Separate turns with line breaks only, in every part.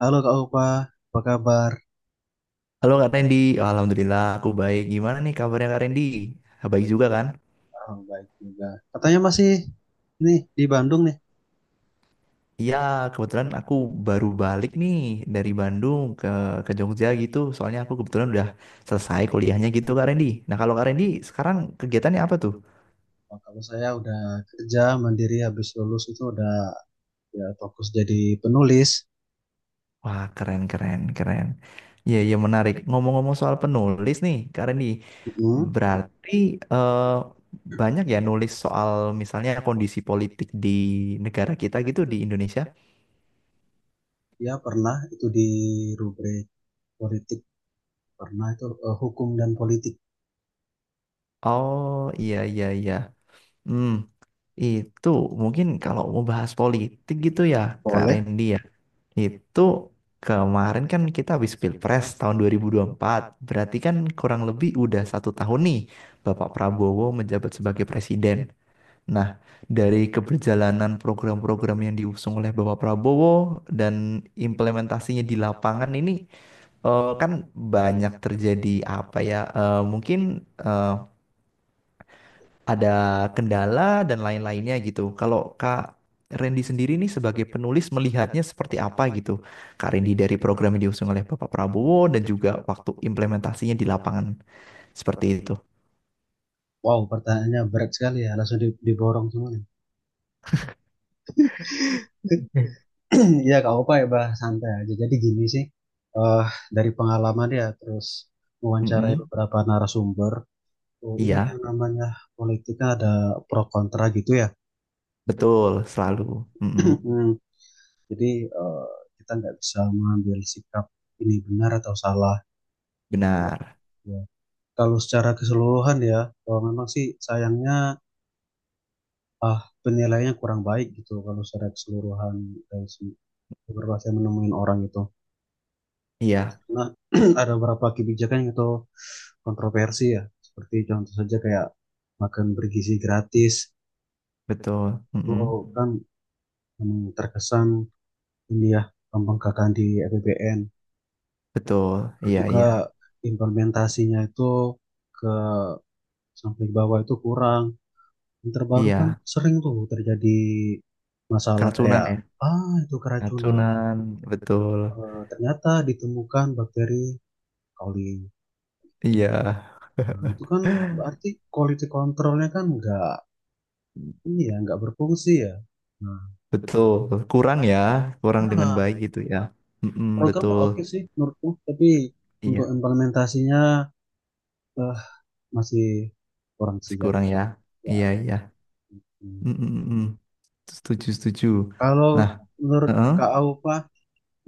Halo Kak Upa, apa kabar?
Halo Kak Randy, Alhamdulillah aku baik. Gimana nih kabarnya Kak Randy? Baik juga kan?
Oh, baik juga. Katanya masih ini di Bandung nih.
Iya, kebetulan aku baru balik nih dari Bandung ke Jogja gitu. Soalnya aku kebetulan udah selesai kuliahnya gitu Kak Randy. Nah kalau Kak Randy sekarang kegiatannya apa tuh?
Oh, kalau saya udah kerja mandiri habis lulus itu udah ya fokus jadi penulis.
Wah, keren keren keren. Iya iya, menarik. Ngomong-ngomong soal penulis nih Kak Randy,
Mm-mm.
berarti eh, banyak ya nulis soal misalnya kondisi politik di negara kita gitu di Indonesia?
Ya pernah itu di rubrik politik, pernah itu hukum dan politik.
Oh iya iya iya. Hmm. Itu mungkin kalau mau bahas politik gitu ya, Kak
Boleh.
Randy ya. Itu kemarin kan kita habis Pilpres tahun 2024. Berarti kan kurang lebih udah satu tahun nih Bapak Prabowo menjabat sebagai presiden. Nah, dari keberjalanan program-program yang diusung oleh Bapak Prabowo dan implementasinya di lapangan ini kan banyak terjadi apa ya? Mungkin eh, ada kendala dan lain-lainnya gitu. Kalau Kak Randy sendiri nih sebagai penulis melihatnya seperti apa gitu? Kak Randy, dari program yang diusung oleh Bapak Prabowo dan juga waktu implementasinya di lapangan seperti itu.
Wow, pertanyaannya berat sekali ya, langsung diborong semua nih. Ya Kak Opa ya bah santai aja. Jadi gini sih, eh dari pengalaman ya, terus mewawancarai
Mm-mm.
beberapa narasumber. Oh, ini
Iya,
yang namanya politiknya ada pro kontra gitu ya.
betul selalu. Mm-mm.
Hmm. Jadi eh, kita nggak bisa mengambil sikap ini benar atau salah. Gitu
Benar.
ya. Kalau secara keseluruhan ya, kalau memang sih sayangnya penilaiannya kurang baik gitu kalau secara keseluruhan dari si beberapa saya menemuin orang itu.
Iya,
Karena ada beberapa kebijakan yang itu kontroversi ya. Seperti contoh saja kayak makan bergizi gratis.
betul.
Itu
Mm-mm.
kan memang terkesan ini ya gampang gagal di APBN,
Betul.
terus
Iya,
juga
iya.
implementasinya itu ke sampai bawah itu kurang. Yang terbaru kan
Iya,
sering tuh terjadi masalah
keracunan
kayak
ya.
itu keracunan.
Keracunan, betul.
Eh, ternyata ditemukan bakteri coli gitu.
Iya,
Nah, itu kan berarti quality controlnya kan nggak ini ya nggak berfungsi ya. Nah,
betul. Kurang ya, kurang dengan
kurang.
baik gitu ya. Mm-mm,
Programnya
betul.
oke sih menurutku, tapi untuk
Iya.
implementasinya eh, masih kurang
Masih
siap
kurang ya. Iya, iya.
ya.
Mm, mm, mm, mm. Setuju, setuju.
Kalau
Nah,
menurut
heeh.
Kak Aupa,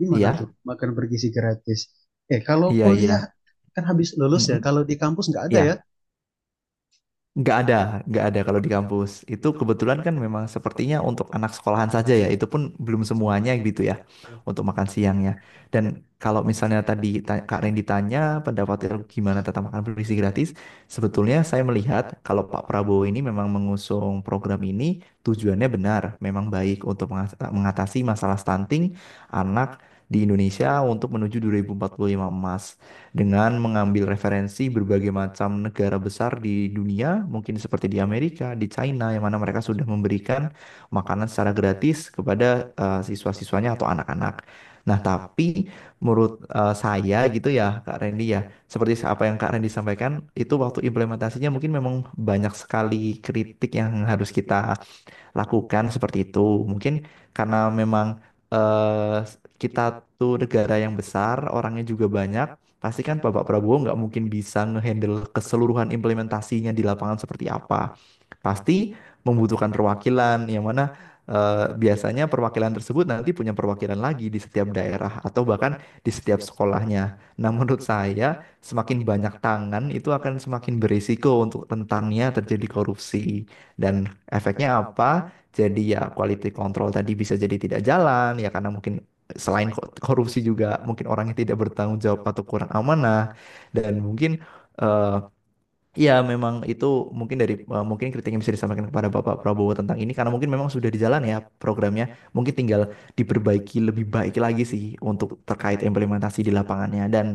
gimana
Iya,
tuh makan bergizi gratis? Eh, kalau
iya,
kuliah
iya.
kan habis
Mm,
lulus ya,
mm.
kalau di kampus nggak ada
Iya.
ya?
Nggak ada, nggak ada kalau di kampus. Itu kebetulan kan memang sepertinya untuk anak sekolahan saja ya. Itu pun belum semuanya gitu ya untuk makan siangnya. Dan kalau misalnya tadi Kak Ren ditanya pendapat gimana tentang makan bergizi gratis, sebetulnya saya melihat kalau Pak Prabowo ini memang mengusung program ini tujuannya benar, memang baik untuk mengatasi masalah stunting anak di Indonesia untuk menuju 2045 emas dengan mengambil referensi berbagai macam negara besar di dunia, mungkin seperti di Amerika, di China, yang mana mereka sudah memberikan makanan secara gratis kepada siswa-siswanya atau anak-anak. Nah, tapi menurut saya gitu ya, Kak Randy ya, seperti apa yang Kak Randy sampaikan, itu waktu implementasinya mungkin memang banyak sekali kritik yang harus kita lakukan seperti itu. Mungkin karena memang eh, kita tuh negara yang besar, orangnya juga banyak, pasti kan Bapak Prabowo nggak mungkin bisa ngehandle keseluruhan implementasinya di lapangan seperti apa, pasti membutuhkan perwakilan yang mana biasanya perwakilan tersebut nanti punya perwakilan lagi di setiap daerah atau bahkan di setiap sekolahnya. Nah, menurut saya semakin banyak tangan itu akan semakin berisiko untuk rentannya terjadi korupsi dan efeknya apa? Jadi ya, quality control tadi bisa jadi tidak jalan ya karena mungkin selain korupsi juga mungkin orangnya tidak bertanggung jawab atau kurang amanah dan mungkin eh, iya, memang itu mungkin dari mungkin kritik yang bisa disampaikan kepada Bapak Prabowo tentang ini karena mungkin memang sudah di jalan ya programnya. Mungkin tinggal diperbaiki lebih baik lagi sih untuk terkait implementasi di lapangannya. Dan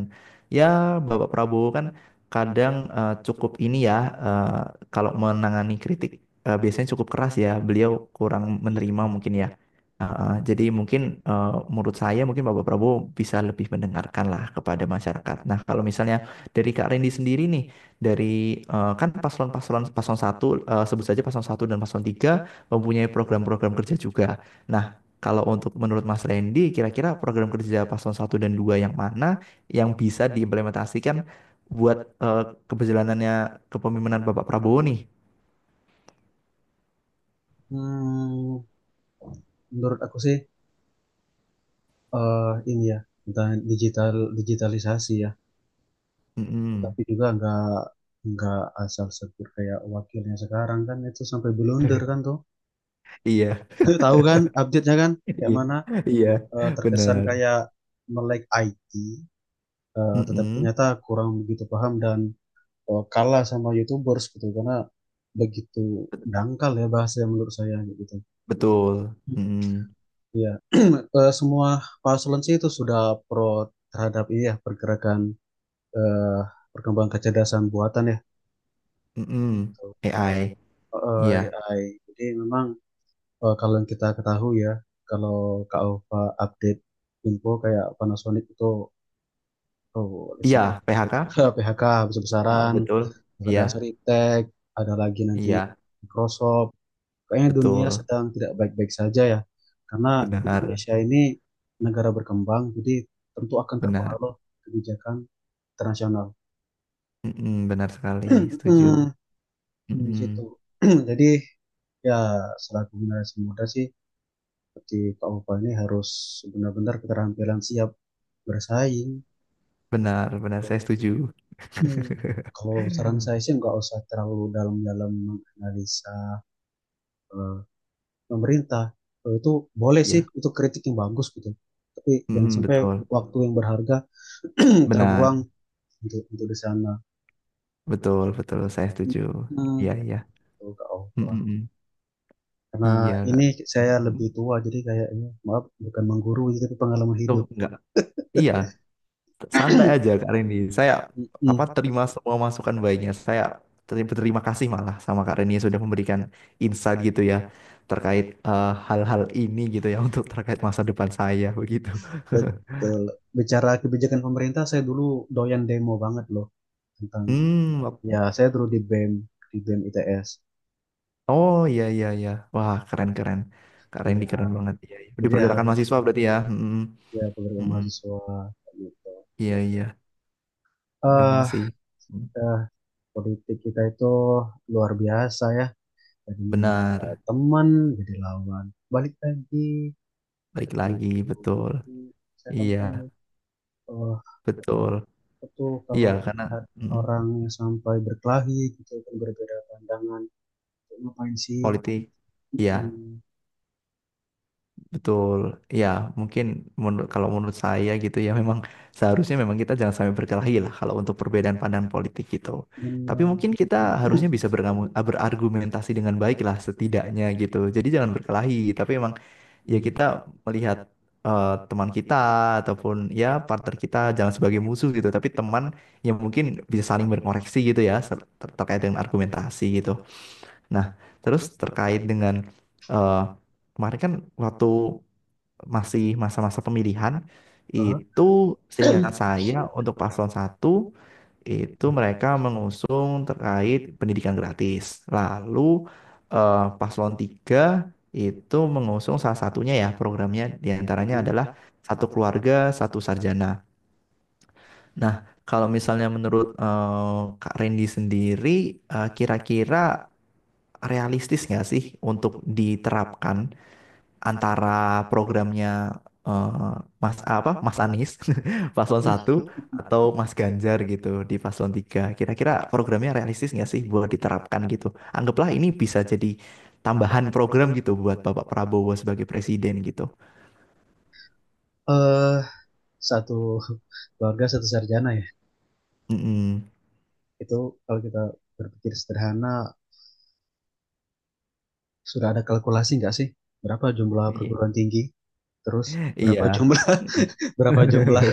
ya, Bapak Prabowo kan kadang cukup ini ya, eh, kalau menangani kritik biasanya cukup keras ya. Beliau kurang menerima
Iya.
mungkin ya. Jadi mungkin menurut saya mungkin Bapak Prabowo bisa lebih mendengarkan lah kepada masyarakat. Nah, kalau misalnya dari Kak Rendi sendiri nih, dari kan paslon satu, sebut saja paslon satu dan paslon tiga mempunyai program-program kerja juga. Nah, kalau untuk menurut Mas Randy, kira-kira program kerja paslon satu dan dua yang mana yang bisa diimplementasikan buat eh, keberjalanannya kepemimpinan Bapak Prabowo nih?
Hmm, menurut aku sih eh ini ya tentang digitalisasi ya,
Mm-mm.
tapi juga nggak asal sebut kayak wakilnya sekarang kan itu sampai blunder kan tuh.
Iya,
Tahu kan update-nya kan kayak
iya,
mana,
iya,
eh, terkesan
benar.
kayak melek IT, eh, tetapi
Mm-mm.
ternyata kurang begitu paham dan kalah sama YouTubers gitu karena begitu dangkal ya bahasa yang menurut saya gitu.
Betul. Mm-mm.
Iya. Eh, semua paslon sih itu sudah pro terhadap ini ya pergerakan, eh, perkembangan kecerdasan buatan ya
Mm-mm.
gitu.
AI.
Eh,
Iya,
AI. Jadi memang, kalau yang kita ketahui ya, kalau Kak Ova update info kayak Panasonic itu oh, listrik.
iya, PHK.
PHK
Ah,
besar-besaran,
betul.
terus ada
Iya,
Seritek, ada lagi nanti
iya.
Microsoft. Kayaknya dunia
Betul,
sedang tidak baik-baik saja ya, karena
benar,
Indonesia ini negara berkembang, jadi tentu akan
benar.
terpengaruh kebijakan internasional.
Mm-mm, benar sekali, setuju.
Hmm, di situ.
Mm-mm.
Jadi ya selaku generasi muda sih, seperti Pak Opa ini harus benar-benar keterampilan siap bersaing
Benar, benar, saya
gitu.
setuju.
Hmm, kalau saran saya sih nggak usah terlalu dalam-dalam menganalisa eh, pemerintah, itu boleh sih
Iya.
itu kritik yang bagus gitu, tapi jangan
Mm-mm,
sampai
betul,
waktu yang berharga terbuang
benar,
untuk di sana
betul, betul, saya setuju.
hmm,
Iya, iya.
tuh Kak Ova.
Mm-mm.
Karena
Iya,
ini
Kak.
saya lebih
Mm-mm.
tua jadi kayak ini maaf bukan menggurui tapi pengalaman
Tuh,
hidup.
enggak, iya, santai aja Kak Reni. Saya apa,
Mm,
terima semua masukan baiknya. Saya berterima kasih malah sama Kak Reni sudah memberikan insight gitu ya terkait hal-hal ini gitu ya untuk terkait masa depan saya begitu.
betul. Bicara kebijakan pemerintah, saya dulu doyan demo banget loh tentang,
Hmm, wap-
ya saya dulu di BEM, di BEM ITS
oh iya iya iya. Wah, keren keren. Kak Reni
ya,
keren banget. Iya, iya. Di
jadi
pergerakan
harus
mahasiswa berarti ya. Mm-mm,
ya pekerja
mm,
mahasiswa gitu.
iya iya. Memang
Eh,
sih. Mm,
eh, politik kita itu luar biasa ya. Tadinya
benar.
teman jadi lawan. Balik lagi
Baik lagi,
gitu.
betul.
Jadi saya
Iya,
sampai, eh,
betul.
apa tuh
Iya,
kalau
karena
melihat
mm,
orang yang sampai berkelahi gitu kan berbeda pandangan. Ngapain sih?
politik. Iya,
Hmm,
betul, ya mungkin, menurut kalau menurut saya gitu ya, memang seharusnya memang kita jangan sampai berkelahi lah kalau untuk perbedaan pandangan politik gitu. Tapi mungkin
benar.
kita harusnya bisa berargumentasi dengan baik lah setidaknya gitu. Jadi jangan berkelahi, tapi memang ya,
Hmm.
kita melihat teman kita ataupun ya partner kita jangan sebagai musuh gitu, tapi teman yang mungkin bisa saling berkoreksi gitu ya, terkait dengan argumentasi gitu. Nah, terus terkait dengan eh, kemarin kan waktu masih masa-masa pemilihan,
Aha.
itu seingat saya untuk paslon satu itu mereka mengusung terkait pendidikan gratis. Lalu paslon tiga itu mengusung salah satunya, ya programnya diantaranya
Hmm.
adalah satu keluarga satu sarjana. Nah kalau misalnya menurut Kak Randy sendiri, kira-kira realistis nggak sih untuk diterapkan antara programnya eh, Mas apa Mas Anies paslon satu atau Mas Ganjar gitu di paslon tiga? Kira-kira programnya realistis nggak sih buat diterapkan gitu? Anggaplah ini bisa jadi tambahan program gitu buat Bapak Prabowo sebagai presiden gitu.
eh satu keluarga satu sarjana ya,
Mm-mm.
itu kalau kita berpikir sederhana, sudah ada kalkulasi nggak sih berapa jumlah
I-
perguruan tinggi, terus
Iya.
berapa jumlah
Mm-mm.
berapa jumlah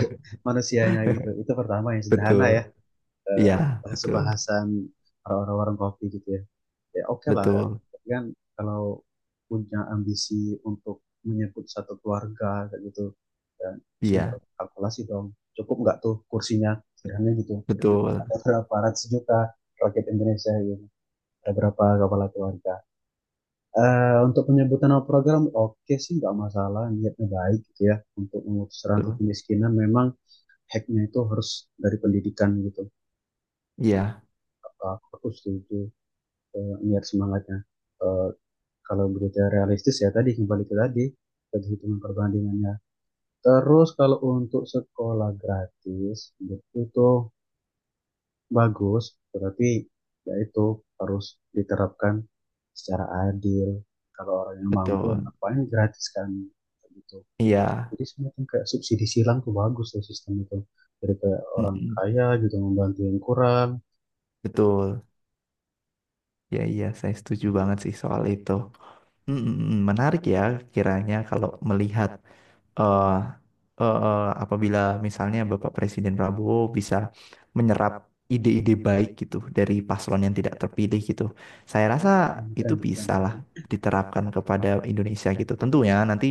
manusianya gitu, itu pertama yang sederhana
Betul.
ya, eh,
Iya,
bahasa
betul.
bahasan orang-orang warung kopi gitu ya. Ya oke lah
Betul.
kan, kalau punya ambisi untuk menyebut satu keluarga kayak gitu dan terusnya,
Iya,
kalkulasi dong cukup nggak tuh kursinya, sederhana gitu,
betul.
ada berapa ratus juta rakyat Indonesia gitu, ada berapa kepala keluarga. Eh, untuk penyebutan nama program oke sih nggak masalah, niatnya baik gitu ya, untuk memutus rantai
Betul.
kemiskinan memang hacknya itu harus dari pendidikan gitu.
Iya,
Aku setuju niat semangatnya. Uh, kalau berita realistis ya tadi kembali ke tadi, tadi hitungan perbandingannya. Terus kalau untuk sekolah gratis itu tuh bagus, tetapi ya itu harus diterapkan secara adil. Kalau orang yang mampu yang
betul.
ngapain gratis kan, gitu.
Iya.
Jadi semacam kayak subsidi silang tuh bagus tuh sistem itu, jadi kayak orang
Mm-mm.
kaya gitu membantu yang kurang.
Betul. Ya iya, saya setuju banget sih soal itu. Mm. Menarik ya, kiranya kalau melihat eh apabila misalnya Bapak Presiden Prabowo bisa menyerap ide-ide baik gitu dari paslon yang tidak terpilih gitu. Saya rasa
Wah, keren,
itu
keren, keren.
bisa lah diterapkan kepada Indonesia gitu. Tentunya nanti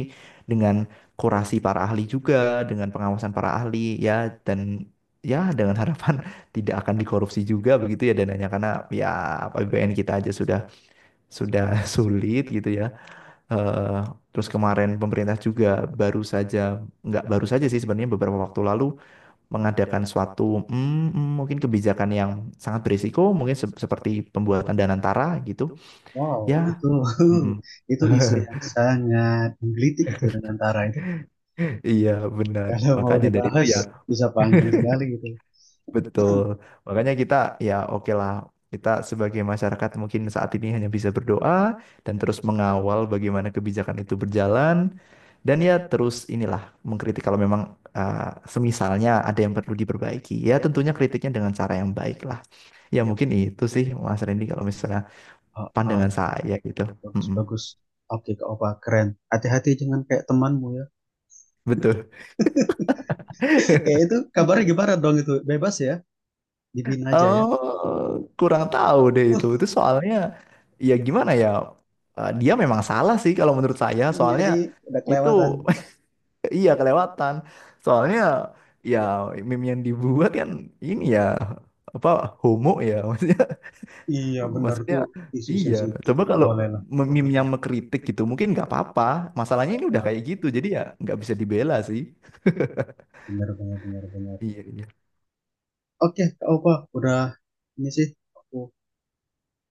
dengan kurasi para ahli juga, dengan pengawasan para ahli ya, dan ya dengan harapan tidak akan dikorupsi juga begitu ya dananya, karena ya APBN kita aja sudah sulit gitu ya. Eh, Terus kemarin pemerintah juga baru saja, nggak baru saja sih sebenarnya, beberapa waktu lalu mengadakan suatu mungkin kebijakan yang sangat berisiko, mungkin seperti pembuatan Danantara gitu.
Wow,
Ya,
itu
mm, mm.
itu isu yang sangat menggelitik, itu dan antara itu
Iya benar.
kalau mau
Makanya dari itu
dibahas
ya.
bisa panjang sekali gitu.
Betul. Makanya kita, ya oke lah. Kita sebagai masyarakat mungkin saat ini hanya bisa berdoa dan terus mengawal bagaimana kebijakan itu berjalan. Dan ya, terus inilah mengkritik kalau memang, uh, semisalnya ada yang perlu diperbaiki. Ya tentunya kritiknya dengan cara yang baik lah. Ya mungkin itu sih Mas Randy kalau misalnya
Oh, oh,
pandangan saya gitu.
bagus,
Mm-mm.
bagus. Oke, Kak Opa, keren. Hati-hati jangan kayak temanmu ya.
Betul.
Eh, itu kabarnya gimana dong itu? Bebas ya? Dibina aja ya?
Oh, kurang tahu deh itu.
Wah,
Itu soalnya, ya gimana ya? Dia memang salah sih kalau menurut saya.
iya
Soalnya
sih, udah
itu,
kelewatan.
iya kelewatan. Soalnya ya meme yang dibuat kan ini ya apa, homo ya.
Iya, benar itu
Maksudnya
isu
iya.
sensitif.
Coba
Nggak
kalau
boleh lah.
meme yang mengkritik gitu mungkin nggak apa-apa. Masalahnya ini udah
Ah,
kayak gitu. Jadi ya nggak bisa dibela sih.
benar, benar, benar, benar.
Iya, iya.
Oke, Kak Opa, udah ini sih. Aku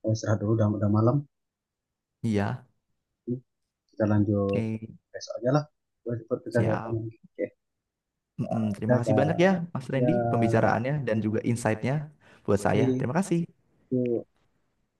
mau istirahat dulu, udah malam.
Iya.
Kita lanjut
Oke,
besok aja lah buat percakapan.
siap.
Oke,
Mm-mm. Terima kasih
dadah
banyak ya Mas
ya
Randy pembicaraannya dan juga insight-nya buat saya.
itu.
Terima kasih.